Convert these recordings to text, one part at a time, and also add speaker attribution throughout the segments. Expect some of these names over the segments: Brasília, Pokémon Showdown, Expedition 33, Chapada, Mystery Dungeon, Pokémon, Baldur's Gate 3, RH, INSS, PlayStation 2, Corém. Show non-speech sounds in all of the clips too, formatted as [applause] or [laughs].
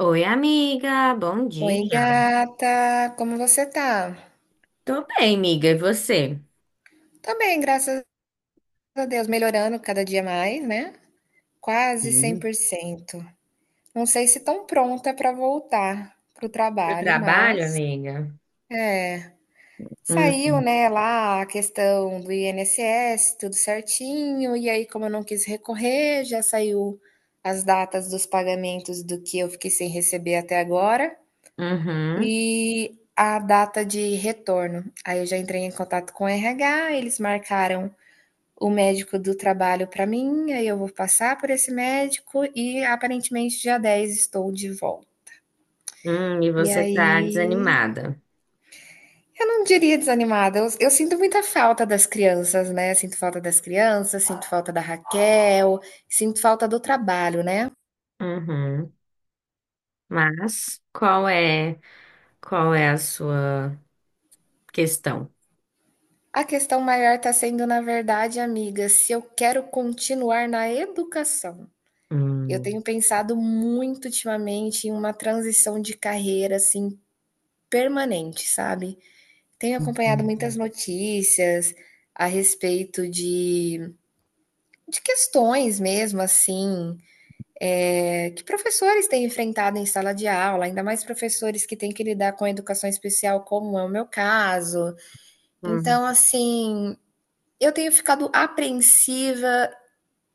Speaker 1: Oi, amiga, bom
Speaker 2: Oi,
Speaker 1: dia.
Speaker 2: gata, como você tá?
Speaker 1: Tô bem, amiga, e você?
Speaker 2: Tô bem, graças a Deus, melhorando cada dia mais, né? Quase cem
Speaker 1: Sim.
Speaker 2: por cento. Não sei se tão pronta pra voltar pro
Speaker 1: Eu
Speaker 2: trabalho,
Speaker 1: trabalho,
Speaker 2: mas
Speaker 1: amiga?
Speaker 2: é, saiu,
Speaker 1: Hum.
Speaker 2: né, lá a questão do INSS, tudo certinho, e aí como eu não quis recorrer, já saiu as datas dos pagamentos do que eu fiquei sem receber até agora.
Speaker 1: Uhum.
Speaker 2: E a data de retorno. Aí eu já entrei em contato com o RH, eles marcaram o médico do trabalho para mim, aí eu vou passar por esse médico e aparentemente dia 10 estou de volta.
Speaker 1: Hum, e
Speaker 2: E
Speaker 1: você tá
Speaker 2: aí,
Speaker 1: desanimada?
Speaker 2: eu não diria desanimada, eu sinto muita falta das crianças, né? Sinto falta das crianças, sinto falta da Raquel, sinto falta do trabalho, né?
Speaker 1: Uhum. Mas qual é a sua questão?
Speaker 2: A questão maior está sendo, na verdade, amiga, se eu quero continuar na educação. Eu
Speaker 1: Hum,
Speaker 2: tenho pensado muito ultimamente em uma transição de carreira assim permanente, sabe? Tenho acompanhado muitas
Speaker 1: entendi.
Speaker 2: notícias a respeito de questões mesmo assim é, que professores têm enfrentado em sala de aula, ainda mais professores que têm que lidar com a educação especial, como é o meu caso.
Speaker 1: Hum.
Speaker 2: Então, assim, eu tenho ficado apreensiva,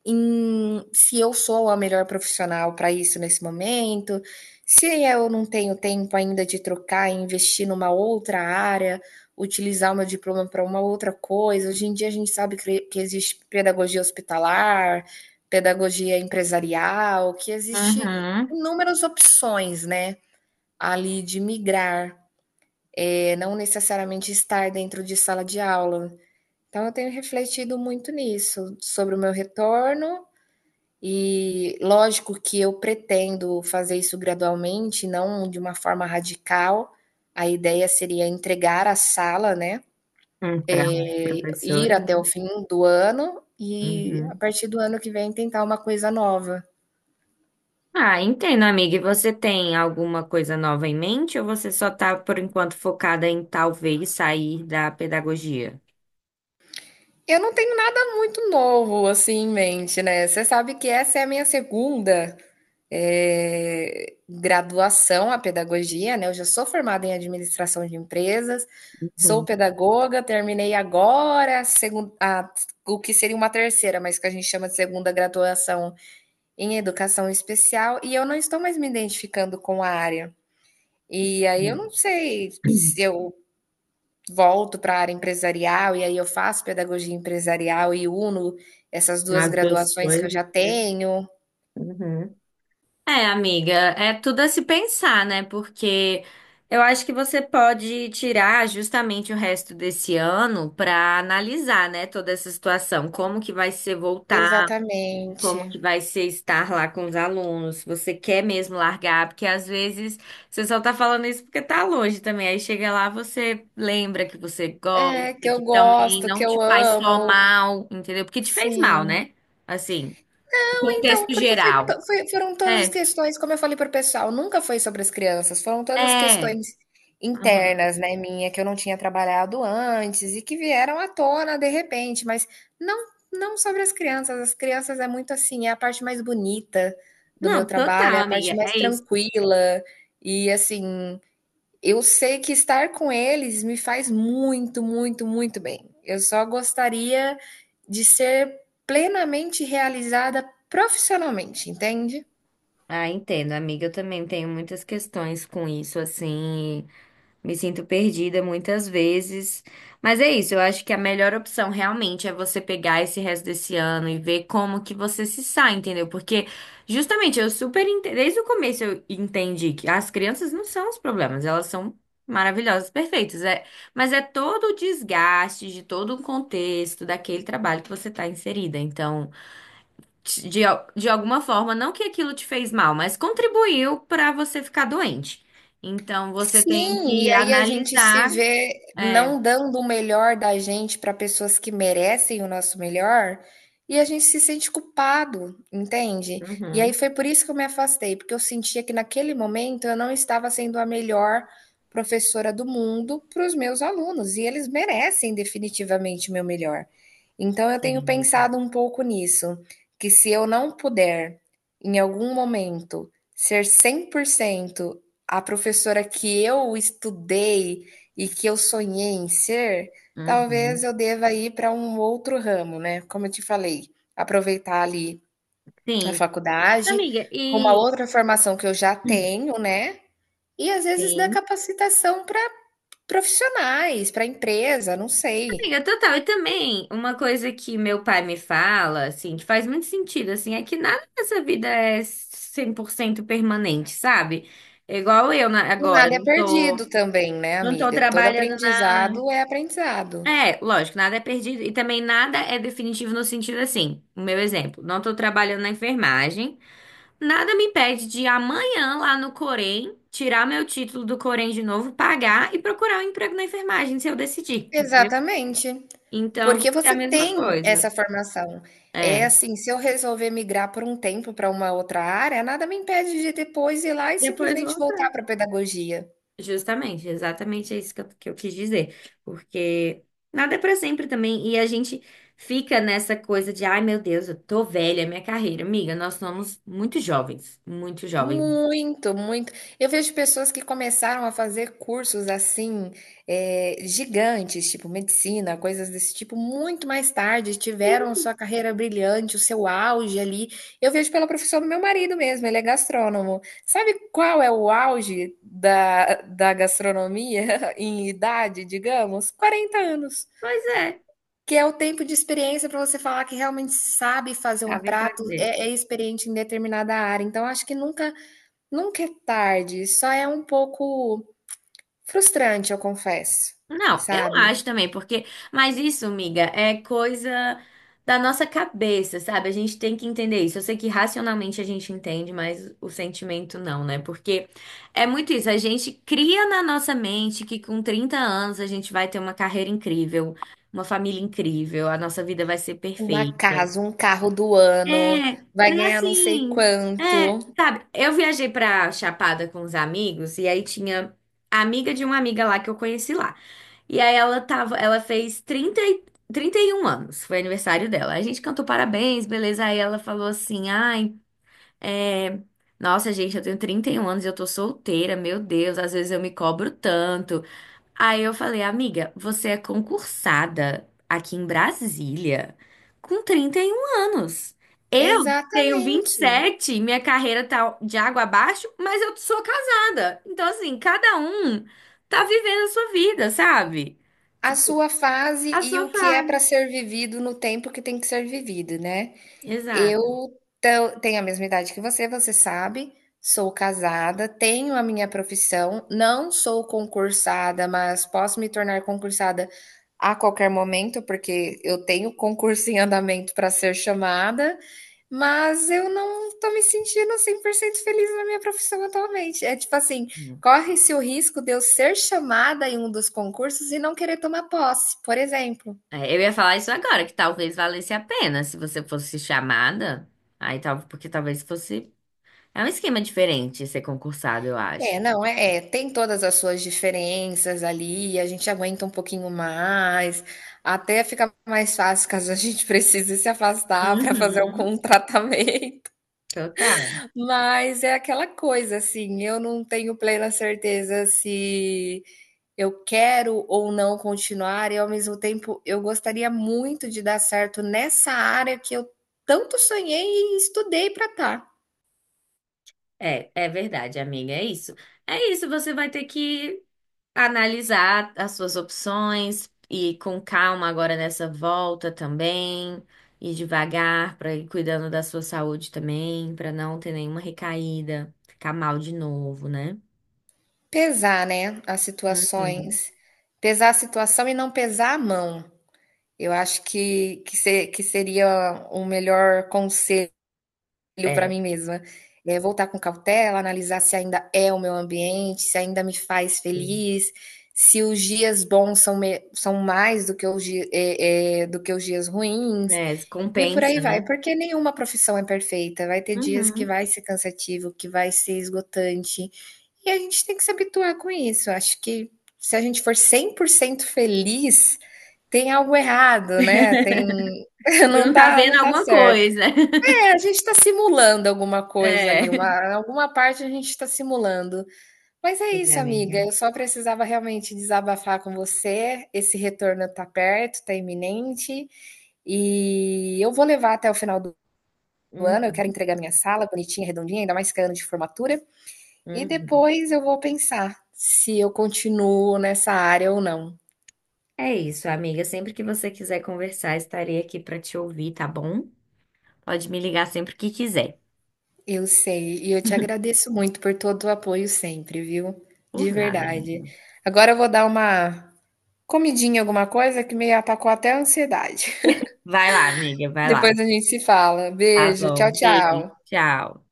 Speaker 2: em se eu sou a melhor profissional para isso nesse momento, se eu não tenho tempo ainda de trocar e investir numa outra área, utilizar o meu diploma para uma outra coisa. Hoje em dia a gente sabe que existe pedagogia hospitalar, pedagogia empresarial, que existe
Speaker 1: Uhum.
Speaker 2: inúmeras opções, né? Ali de migrar, é, não necessariamente estar dentro de sala de aula. Então, eu tenho refletido muito nisso, sobre o meu retorno e lógico que eu pretendo fazer isso gradualmente, não de uma forma radical. A ideia seria entregar a sala, né?
Speaker 1: Hum, para outra
Speaker 2: Ir
Speaker 1: professora, né?
Speaker 2: até o fim do ano e a
Speaker 1: Uhum.
Speaker 2: partir do ano que vem tentar uma coisa nova.
Speaker 1: Ah, entendo, amiga. E você tem alguma coisa nova em mente ou você só tá, por enquanto, focada em talvez sair da pedagogia?
Speaker 2: Eu não tenho nada muito novo assim em mente, né? Você sabe que essa é a minha segunda é, graduação à pedagogia, né? Eu já sou formada em administração de empresas, sou
Speaker 1: Uhum.
Speaker 2: pedagoga, terminei agora a o que seria uma terceira, mas que a gente chama de segunda graduação em educação especial, e eu não estou mais me identificando com a área. E aí eu não sei
Speaker 1: Uhum.
Speaker 2: se eu volto para a área empresarial, e aí eu faço pedagogia empresarial e uno essas duas
Speaker 1: As duas
Speaker 2: graduações que eu
Speaker 1: coisas,
Speaker 2: já
Speaker 1: né?
Speaker 2: tenho.
Speaker 1: Uhum. É, amiga, é tudo a se pensar, né? Porque eu acho que você pode tirar justamente o resto desse ano para analisar, né, toda essa situação, como que vai ser voltar. Como
Speaker 2: Exatamente.
Speaker 1: que vai ser estar lá com os alunos, se você quer mesmo largar, porque às vezes você só tá falando isso porque tá longe também. Aí chega lá, você lembra que você
Speaker 2: É,
Speaker 1: gosta,
Speaker 2: que
Speaker 1: que
Speaker 2: eu
Speaker 1: também
Speaker 2: gosto, que
Speaker 1: não te
Speaker 2: eu
Speaker 1: faz só
Speaker 2: amo.
Speaker 1: mal, entendeu? Porque te fez mal,
Speaker 2: Sim.
Speaker 1: né? Assim, o
Speaker 2: Então,
Speaker 1: contexto
Speaker 2: porque foi,
Speaker 1: geral.
Speaker 2: foram todas as
Speaker 1: É,
Speaker 2: questões, como eu falei para o pessoal, nunca foi sobre as crianças, foram todas
Speaker 1: é.
Speaker 2: questões
Speaker 1: Aham.
Speaker 2: internas, né, minha, que eu não tinha trabalhado antes e que vieram à tona de repente, mas não, não sobre as crianças. As crianças é muito assim, é a parte mais bonita do meu
Speaker 1: Não,
Speaker 2: trabalho, é
Speaker 1: total,
Speaker 2: a
Speaker 1: amiga,
Speaker 2: parte mais
Speaker 1: é isso.
Speaker 2: tranquila e assim, eu sei que estar com eles me faz muito, muito, muito bem. Eu só gostaria de ser plenamente realizada profissionalmente, entende?
Speaker 1: Ah, entendo, amiga. Eu também tenho muitas questões com isso, assim. Me sinto perdida muitas vezes. Mas é isso, eu acho que a melhor opção realmente é você pegar esse resto desse ano e ver como que você se sai, entendeu? Porque justamente eu super ente- desde o começo eu entendi que as crianças não são os problemas, elas são maravilhosas, perfeitas, é, mas é todo o desgaste de todo o contexto daquele trabalho que você está inserida. Então, te- de, al- de alguma forma, não que aquilo te fez mal, mas contribuiu para você ficar doente. Então, você tem
Speaker 2: Sim, e
Speaker 1: que
Speaker 2: aí a gente se
Speaker 1: analisar.
Speaker 2: vê
Speaker 1: É,
Speaker 2: não dando o melhor da gente para pessoas que merecem o nosso melhor, e a gente se sente culpado, entende? E aí
Speaker 1: uhum,
Speaker 2: foi por isso que eu me afastei, porque eu sentia que naquele momento eu não estava sendo a melhor professora do mundo para os meus alunos, e eles merecem definitivamente o meu melhor. Então eu tenho
Speaker 1: sim,
Speaker 2: pensado um pouco nisso, que se eu não puder, em algum momento, ser 100% a professora que eu estudei e que eu sonhei em ser, talvez
Speaker 1: uhum,
Speaker 2: eu deva ir para um outro ramo, né. Como eu te falei, aproveitar ali a
Speaker 1: sim.
Speaker 2: faculdade,
Speaker 1: Amiga,
Speaker 2: com uma
Speaker 1: e.
Speaker 2: outra formação que eu já tenho, né, e às vezes dar
Speaker 1: Sim.
Speaker 2: capacitação para profissionais, para empresa, não sei.
Speaker 1: Amiga, total. E também, uma coisa que meu pai me fala, assim, que faz muito sentido, assim, é que nada nessa vida é 100% permanente, sabe? Igual eu na-
Speaker 2: E
Speaker 1: agora,
Speaker 2: nada é
Speaker 1: não tô,
Speaker 2: perdido também, né,
Speaker 1: não tô
Speaker 2: amiga? Todo
Speaker 1: trabalhando na.
Speaker 2: aprendizado é aprendizado.
Speaker 1: É, lógico, nada é perdido e também nada é definitivo no sentido assim. O meu exemplo, não estou trabalhando na enfermagem, nada me impede de amanhã lá no Corém tirar meu título do Corém de novo, pagar e procurar um emprego na enfermagem se eu decidir. Entendeu?
Speaker 2: Exatamente,
Speaker 1: Então, vai
Speaker 2: porque
Speaker 1: ser a
Speaker 2: você
Speaker 1: mesma
Speaker 2: tem
Speaker 1: coisa.
Speaker 2: essa formação. É
Speaker 1: É.
Speaker 2: assim, se eu resolver migrar por um tempo para uma outra área, nada me impede de depois ir lá e
Speaker 1: Depois
Speaker 2: simplesmente voltar
Speaker 1: volta.
Speaker 2: para a pedagogia.
Speaker 1: Justamente, exatamente é isso que eu quis dizer. Porque nada é pra sempre também. E a gente fica nessa coisa de, ai meu Deus, eu tô velha, minha carreira. Amiga, nós somos muito jovens, muito jovens.
Speaker 2: Muito, muito. Eu vejo pessoas que começaram a fazer cursos assim, gigantes, tipo medicina, coisas desse tipo, muito mais tarde, tiveram sua carreira brilhante, o seu auge ali. Eu vejo pela profissão do meu marido mesmo, ele é gastrônomo. Sabe qual é o auge da gastronomia [laughs] em idade, digamos? 40 anos.
Speaker 1: Pois é,
Speaker 2: Que é o tempo de experiência para você falar que realmente sabe fazer um
Speaker 1: sabe
Speaker 2: prato,
Speaker 1: fazer.
Speaker 2: é, é experiente em determinada área. Então, acho que nunca é tarde, só é um pouco frustrante, eu confesso,
Speaker 1: Não, eu
Speaker 2: sabe.
Speaker 1: acho também, porque. Mas isso, miga, é coisa da nossa cabeça, sabe? A gente tem que entender isso. Eu sei que racionalmente a gente entende, mas o sentimento não, né? Porque é muito isso. A gente cria na nossa mente que com 30 anos a gente vai ter uma carreira incrível, uma família incrível, a nossa vida vai ser
Speaker 2: Uma
Speaker 1: perfeita.
Speaker 2: casa, um carro do
Speaker 1: É,
Speaker 2: ano, vai
Speaker 1: era
Speaker 2: ganhar não sei
Speaker 1: assim,
Speaker 2: quanto.
Speaker 1: é, sabe, eu viajei pra Chapada com os amigos e aí tinha a amiga de uma amiga lá que eu conheci lá. E aí ela tava, ela fez 30 e- 31 anos, foi aniversário dela. A gente cantou parabéns, beleza? Aí ela falou assim: "Ai, é, nossa, gente, eu tenho 31 anos e eu tô solteira, meu Deus, às vezes eu me cobro tanto." Aí eu falei, amiga, você é concursada aqui em Brasília com 31 anos. Eu tenho vinte e
Speaker 2: Exatamente.
Speaker 1: sete, minha carreira tá de água abaixo, mas eu sou casada. Então, assim, cada um tá vivendo a sua vida, sabe?
Speaker 2: A
Speaker 1: Tipo,
Speaker 2: sua fase
Speaker 1: a
Speaker 2: e
Speaker 1: sua
Speaker 2: o que é para
Speaker 1: fase.
Speaker 2: ser vivido no tempo que tem que ser vivido, né. Eu
Speaker 1: Exato.
Speaker 2: tam tenho a mesma idade que você, você sabe, sou casada, tenho a minha profissão, não sou concursada, mas posso me tornar concursada a qualquer momento, porque eu tenho concurso em andamento para ser chamada, mas eu não estou me sentindo 100% feliz na minha profissão atualmente. É tipo assim, corre-se o risco de eu ser chamada em um dos concursos e não querer tomar posse, por exemplo.
Speaker 1: É, eu ia falar isso agora, que talvez valesse a pena se você fosse chamada. Aí, tal, porque talvez fosse. É um esquema diferente ser concursado, eu
Speaker 2: É,
Speaker 1: acho.
Speaker 2: não, é, tem todas as suas diferenças ali, a gente aguenta um pouquinho mais, até fica mais fácil caso a gente [laughs] precise se afastar para fazer
Speaker 1: Uhum,
Speaker 2: algum [laughs] tratamento.
Speaker 1: total.
Speaker 2: Mas é aquela coisa, assim, eu não tenho plena certeza se eu quero ou não continuar, e ao mesmo tempo eu gostaria muito de dar certo nessa área que eu tanto sonhei e estudei para estar.
Speaker 1: É, é verdade, amiga, é isso. É isso, você vai ter que analisar as suas opções e com calma agora nessa volta também, e devagar para ir cuidando da sua saúde também, para não ter nenhuma recaída, ficar mal de novo, né?
Speaker 2: Pesar, né, as
Speaker 1: Uhum.
Speaker 2: situações. Pesar a situação e não pesar a mão. Eu acho que se que seria o melhor conselho para
Speaker 1: É,
Speaker 2: mim mesma. Voltar com cautela, analisar se ainda é o meu ambiente, se ainda me faz
Speaker 1: sim.
Speaker 2: feliz, se os dias bons são me são mais do que os do que os dias ruins,
Speaker 1: É,
Speaker 2: e por
Speaker 1: compensa,
Speaker 2: aí vai.
Speaker 1: né?
Speaker 2: Porque nenhuma profissão é perfeita, vai ter dias que
Speaker 1: Uhum.
Speaker 2: vai ser cansativo, que vai ser esgotante, e a gente tem que se habituar com isso. Acho que se a gente for 100% feliz, tem algo errado, né, tem [laughs]
Speaker 1: Você
Speaker 2: não
Speaker 1: não tá
Speaker 2: tá
Speaker 1: vendo
Speaker 2: não tá
Speaker 1: alguma
Speaker 2: certo.
Speaker 1: coisa. [laughs]
Speaker 2: É, a gente está simulando alguma coisa ali,
Speaker 1: É.
Speaker 2: uma alguma parte a gente está simulando. Mas é
Speaker 1: Sim,
Speaker 2: isso, amiga,
Speaker 1: amiga.
Speaker 2: eu só precisava realmente desabafar com você, esse retorno tá perto, tá iminente, e eu vou levar até o final do ano, eu quero
Speaker 1: Uhum.
Speaker 2: entregar minha sala bonitinha, redondinha, ainda mais que é ano de formatura, e
Speaker 1: Uhum.
Speaker 2: depois eu vou pensar se eu continuo nessa área ou não.
Speaker 1: É isso, amiga. Sempre que você quiser conversar, estarei aqui para te ouvir, tá bom? Pode me ligar sempre que quiser.
Speaker 2: Eu sei, e eu te agradeço muito por todo o apoio sempre, viu? De
Speaker 1: Por nada, amiga.
Speaker 2: verdade. Agora eu vou dar uma comidinha, alguma coisa que me atacou até a ansiedade.
Speaker 1: Vai lá, amiga,
Speaker 2: [laughs]
Speaker 1: vai
Speaker 2: Depois
Speaker 1: lá.
Speaker 2: a gente se fala.
Speaker 1: Tá
Speaker 2: Beijo,
Speaker 1: bom.
Speaker 2: tchau,
Speaker 1: Beijo,
Speaker 2: tchau.
Speaker 1: tchau.